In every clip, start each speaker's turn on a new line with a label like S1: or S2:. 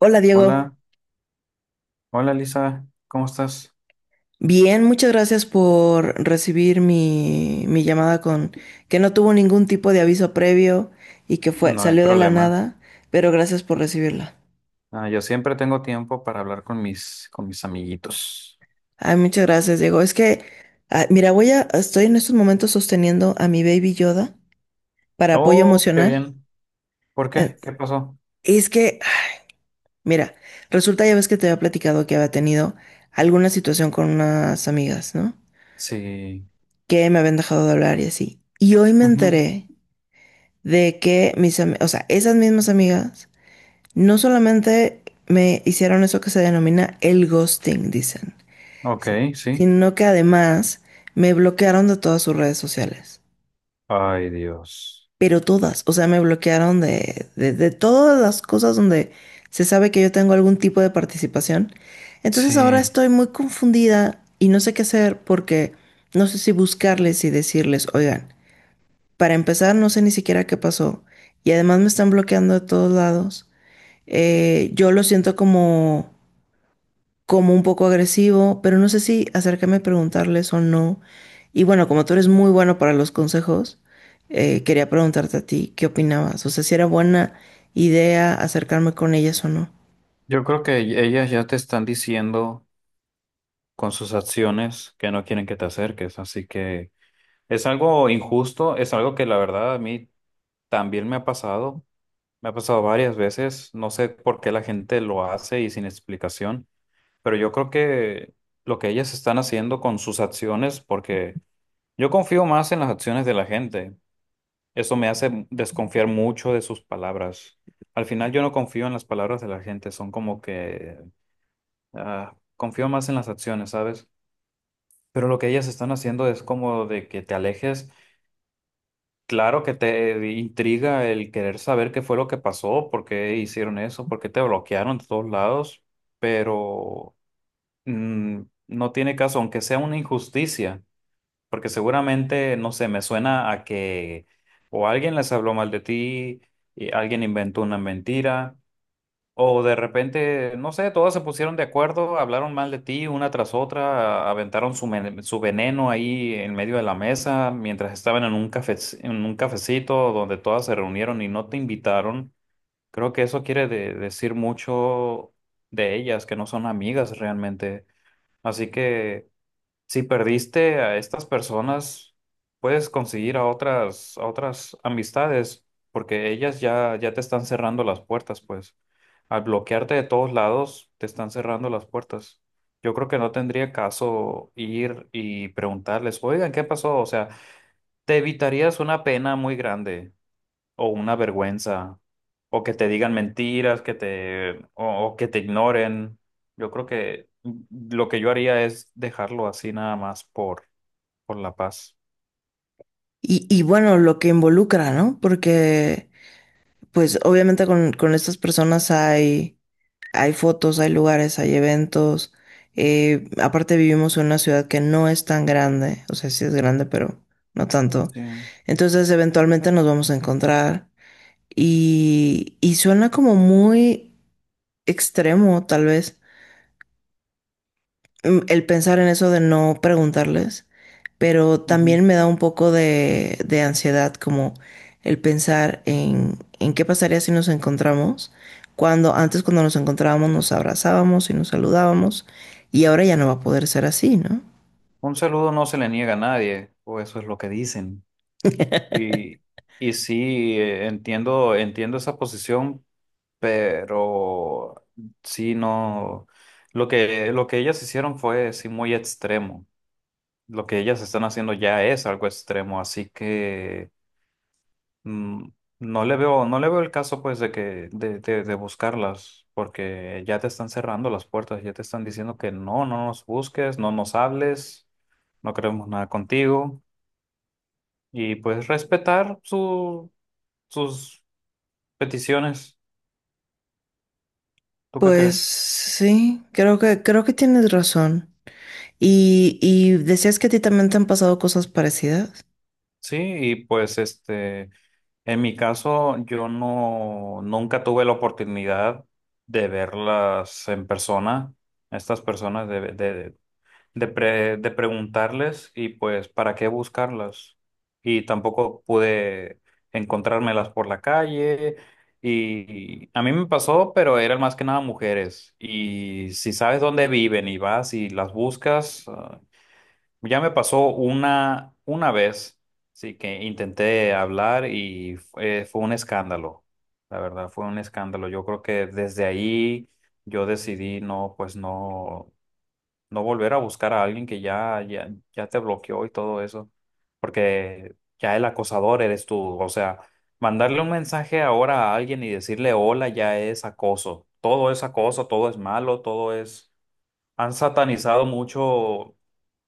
S1: Hola Diego,
S2: Hola, hola Lisa, ¿cómo estás?
S1: bien, muchas gracias por recibir mi llamada con que no tuvo ningún tipo de aviso previo y que
S2: No hay
S1: salió de la
S2: problema.
S1: nada, pero gracias por recibirla.
S2: Ah, yo siempre tengo tiempo para hablar con mis amiguitos.
S1: Ay, muchas gracias Diego. Es que, ah, mira, voy a, Estoy en estos momentos sosteniendo a mi baby Yoda para apoyo
S2: Oh, qué
S1: emocional.
S2: bien. ¿Por
S1: Eh,
S2: qué? ¿Qué pasó?
S1: Es que, ah, mira, Resulta ya ves que te había platicado que había tenido alguna situación con unas amigas, ¿no?
S2: Sí.
S1: Que me habían dejado de hablar y así. Y hoy me
S2: Ujú.
S1: enteré de que o sea, esas mismas amigas no solamente me hicieron eso que se denomina el ghosting, dicen,
S2: Ok,
S1: sí,
S2: sí.
S1: sino que además me bloquearon de todas sus redes sociales.
S2: Ay, Dios.
S1: Pero todas, o sea, me bloquearon de todas las cosas donde se sabe que yo tengo algún tipo de participación. Entonces ahora
S2: Sí.
S1: estoy muy confundida y no sé qué hacer porque no sé si buscarles y decirles, oigan, para empezar, no sé ni siquiera qué pasó. Y además me están bloqueando de todos lados. Yo lo siento como un poco agresivo, pero no sé si acercarme a preguntarles o no. Y bueno, como tú eres muy bueno para los consejos, quería preguntarte a ti qué opinabas. O sea, si era buena idea acercarme con ellas o no.
S2: Yo creo que ellas ya te están diciendo con sus acciones que no quieren que te acerques, así que es algo injusto, es algo que la verdad a mí también me ha pasado. Me ha pasado varias veces, no sé por qué la gente lo hace y sin explicación, pero yo creo que lo que ellas están haciendo con sus acciones, porque yo confío más en las acciones de la gente, eso me hace desconfiar mucho de sus palabras. Al final yo no confío en las palabras de la gente, son como que confío más en las acciones, ¿sabes? Pero lo que ellas están haciendo es como de que te alejes. Claro que te intriga el querer saber qué fue lo que pasó, por qué hicieron eso, por qué te bloquearon de todos lados, pero mm, no tiene caso, aunque sea una injusticia, porque seguramente, no sé, me suena a que o alguien les habló mal de ti, y alguien inventó una mentira, o de repente, no sé, todas se pusieron de acuerdo, hablaron mal de ti una tras otra, aventaron su veneno ahí en medio de la mesa mientras estaban en un cafe, en un cafecito donde todas se reunieron y no te invitaron. Creo que eso quiere decir mucho de ellas, que no son amigas realmente. Así que. Si perdiste a estas personas, puedes conseguir a otras amistades, porque ellas ya te están cerrando las puertas, pues. Al bloquearte de todos lados, te están cerrando las puertas. Yo creo que no tendría caso ir y preguntarles, oigan, ¿qué pasó? O sea, te evitarías una pena muy grande o una vergüenza, o que te digan mentiras, o que te ignoren. Yo creo que lo que yo haría es dejarlo así nada más por la paz.
S1: Y bueno, lo que involucra, ¿no? Porque pues obviamente con estas personas hay hay fotos, hay lugares, hay eventos. Aparte vivimos en una ciudad que no es tan grande, o sea, sí es grande, pero no tanto.
S2: Sí.
S1: Entonces, eventualmente nos vamos a encontrar y suena como muy extremo, tal vez, el pensar en eso de no preguntarles, pero
S2: Ujú.
S1: también me da un poco de ansiedad, como el pensar en qué pasaría si nos encontramos, cuando antes cuando nos encontrábamos nos abrazábamos y nos saludábamos, y ahora ya no va a poder ser así, ¿no?
S2: Un saludo no se le niega a nadie, o eso es lo que dicen. Y, y sí, entiendo esa posición, pero sí, no. Lo que ellas hicieron fue sí muy extremo. Lo que ellas están haciendo ya es algo extremo, así que Mm, no le veo el caso pues de que de buscarlas, porque ya te están cerrando las puertas, ya te están diciendo que no, no nos busques, no nos hables, no queremos nada contigo y pues respetar sus peticiones. ¿Tú qué
S1: Pues
S2: crees?
S1: sí, creo que tienes razón. Y decías que a ti también te han pasado cosas parecidas.
S2: Sí, y pues este, en mi caso yo no, nunca tuve la oportunidad de verlas en persona, estas personas de preguntarles y pues para qué buscarlas. Y tampoco pude encontrármelas por la calle. Y a mí me pasó, pero eran más que nada mujeres. Y si sabes dónde viven y vas y las buscas, ah, ya me pasó una vez, sí, que intenté hablar y fue un escándalo. La verdad, fue un escándalo. Yo creo que desde ahí yo decidí no, pues no volver a buscar a alguien que ya te bloqueó y todo eso, porque ya el acosador eres tú, o sea, mandarle un mensaje ahora a alguien y decirle hola ya es acoso, todo es acoso, todo es malo, todo es. Han satanizado mucho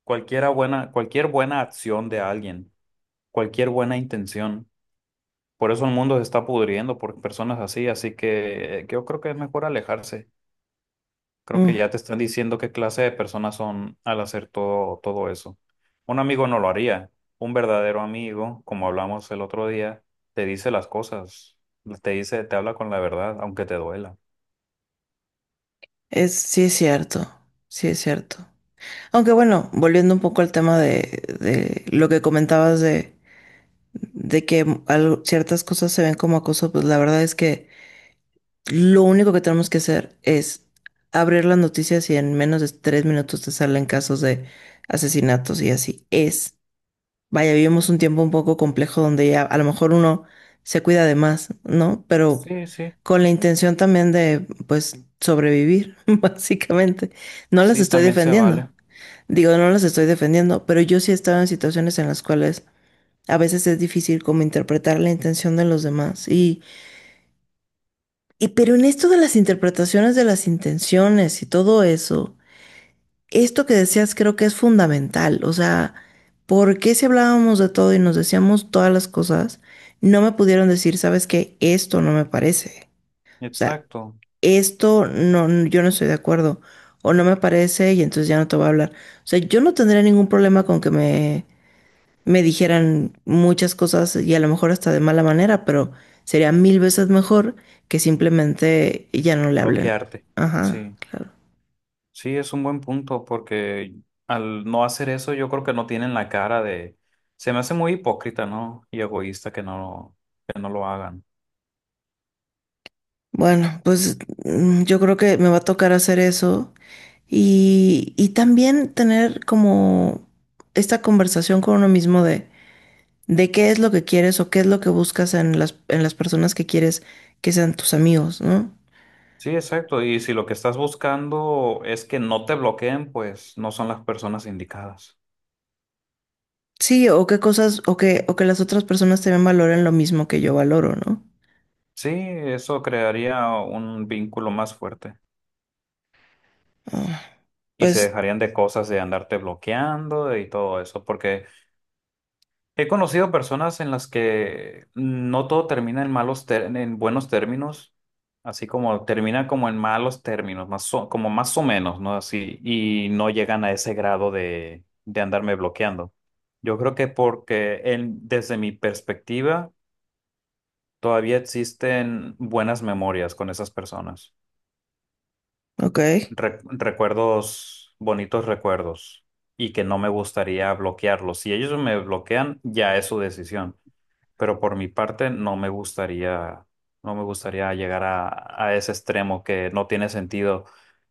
S2: cualquier buena acción de alguien, cualquier buena intención. Por eso el mundo se está pudriendo por personas así, así que yo creo que es mejor alejarse. Creo que
S1: Mm,
S2: ya te están diciendo qué clase de personas son al hacer todo eso. Un amigo no lo haría. Un verdadero amigo, como hablamos el otro día, te dice las cosas, te habla con la verdad, aunque te duela.
S1: sí es cierto, sí es cierto. Aunque bueno, volviendo un poco al tema de lo que comentabas de que ciertas cosas se ven como acoso, pues la verdad es que lo único que tenemos que hacer es abrir las noticias y en menos de 3 minutos te salen casos de asesinatos y así es. Vaya, vivimos un tiempo un poco complejo donde ya a lo mejor uno se cuida de más, ¿no? Pero
S2: Sí, sí,
S1: con la intención también de pues sobrevivir, básicamente. No las
S2: sí,
S1: estoy
S2: también se
S1: defendiendo.
S2: vale.
S1: Digo, no las estoy defendiendo, pero yo sí he estado en situaciones en las cuales a veces es difícil como interpretar la intención de los demás. Pero en esto de las interpretaciones de las intenciones y todo eso, esto que decías creo que es fundamental. O sea, ¿por qué si hablábamos de todo y nos decíamos todas las cosas, no me pudieron decir, sabes qué, esto no me parece? O sea,
S2: Exacto.
S1: esto no, yo no estoy de acuerdo. O no me parece y entonces ya no te voy a hablar. O sea, yo no tendría ningún problema con que me dijeran muchas cosas y a lo mejor hasta de mala manera, pero sería mil veces mejor que simplemente ya no le hablen.
S2: Bloquearte.
S1: Ajá,
S2: Sí,
S1: claro.
S2: sí, es un buen punto porque al no hacer eso yo creo que no tienen la cara de. Se me hace muy hipócrita, ¿no? Y egoísta que no lo hagan.
S1: Bueno, pues yo creo que me va a tocar hacer eso y también tener como esta conversación con uno mismo de qué es lo que quieres o qué es lo que buscas en en las personas que quieres que sean tus amigos, ¿no?
S2: Sí, exacto. Y si lo que estás buscando es que no te bloqueen, pues no son las personas indicadas.
S1: Sí, o qué cosas, o que las otras personas también valoren lo mismo que yo valoro, ¿no?
S2: Sí, eso crearía un vínculo más fuerte
S1: Ah,
S2: y se
S1: pues,
S2: dejarían de cosas de andarte bloqueando y todo eso, porque he conocido personas en las que no todo termina en buenos términos, así como termina como en malos términos, como más o menos, ¿no? Así, y no llegan a ese grado de andarme bloqueando. Yo creo que porque desde mi perspectiva todavía existen buenas memorias con esas personas,
S1: ok.
S2: recuerdos, bonitos recuerdos, y que no me gustaría bloquearlos. Si ellos me bloquean, ya es su decisión, pero por mi parte no me gustaría, llegar a ese extremo que no tiene sentido,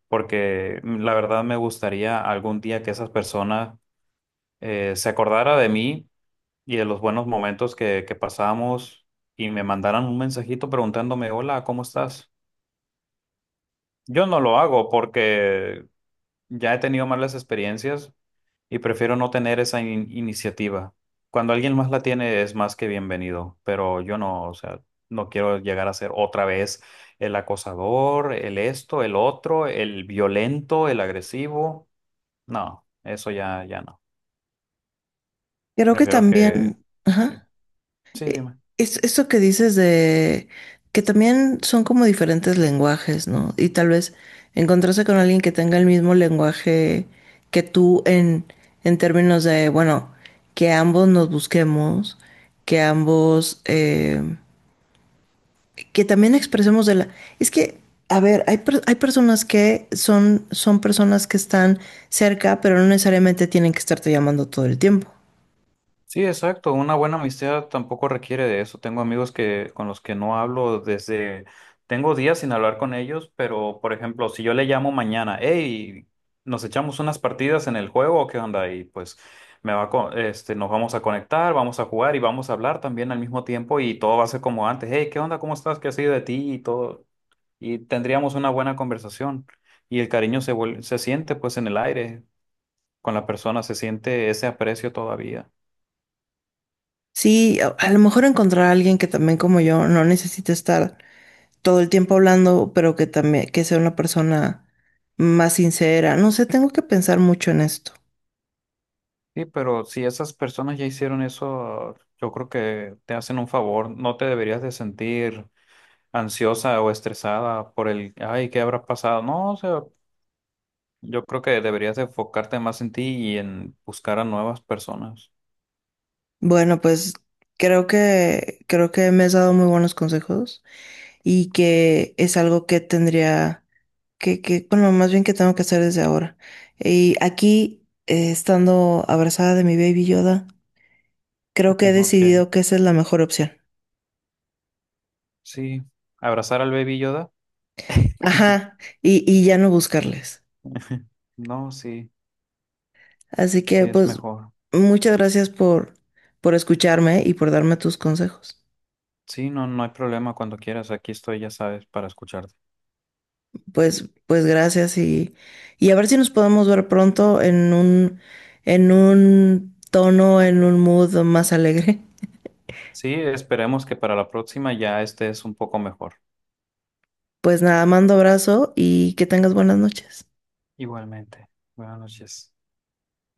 S2: porque la verdad me gustaría algún día que esas personas se acordara de mí y de los buenos momentos que pasamos y me mandaran un mensajito preguntándome, hola, ¿cómo estás? Yo no lo hago porque ya he tenido malas experiencias y prefiero no tener esa iniciativa. Cuando alguien más la tiene es más que bienvenido, pero yo no, o sea, no quiero llegar a ser otra vez el acosador, el esto, el otro, el violento, el agresivo. No, eso ya no.
S1: Creo que
S2: Prefiero que.
S1: también,
S2: Sí,
S1: ajá.
S2: sí,
S1: E-
S2: dime.
S1: Esto que dices de que también son como diferentes lenguajes, ¿no? Y tal vez encontrarse con alguien que tenga el mismo lenguaje que tú en términos de, bueno, que ambos nos busquemos, que ambos, que también expresemos de la... Es que, a ver, hay personas que son, son personas que están cerca, pero no necesariamente tienen que estarte llamando todo el tiempo.
S2: Sí, exacto. Una buena amistad tampoco requiere de eso. Tengo amigos que con los que no hablo tengo días sin hablar con ellos, pero por ejemplo, si yo le llamo mañana, hey, nos echamos unas partidas en el juego, ¿o qué onda? Y pues me va a co- este, nos vamos a conectar, vamos a jugar y vamos a hablar también al mismo tiempo y todo va a ser como antes. Hey, ¿qué onda? ¿Cómo estás? ¿Qué ha sido de ti? Y todo. Y tendríamos una buena conversación. Y el cariño se siente pues en el aire. Con la persona se siente ese aprecio todavía.
S1: Sí, a lo mejor encontrar a alguien que también como yo no necesite estar todo el tiempo hablando, pero que también, que sea una persona más sincera. No sé, tengo que pensar mucho en esto.
S2: Sí, pero si esas personas ya hicieron eso, yo creo que te hacen un favor. No te deberías de sentir ansiosa o estresada por el, ay, ¿qué habrá pasado? No, o sea, yo creo que deberías de enfocarte más en ti y en buscar a nuevas personas.
S1: Bueno, pues creo que me has dado muy buenos consejos y que es algo que tendría que, bueno, más bien que tengo que hacer desde ahora. Y aquí, estando abrazada de mi baby Yoda, creo que he
S2: Ok.
S1: decidido que esa es la mejor opción.
S2: Sí, abrazar al baby Yoda.
S1: Ajá, y ya no buscarles.
S2: No, sí,
S1: Así
S2: sí
S1: que
S2: es
S1: pues
S2: mejor.
S1: muchas gracias por escucharme y por darme tus consejos.
S2: Sí, no, no hay problema cuando quieras. Aquí estoy, ya sabes, para escucharte.
S1: Pues gracias y a ver si nos podemos ver pronto en en un tono, en un mood más alegre.
S2: Sí, esperemos que para la próxima ya estés un poco mejor.
S1: Pues nada, mando abrazo y que tengas buenas noches.
S2: Igualmente. Buenas noches.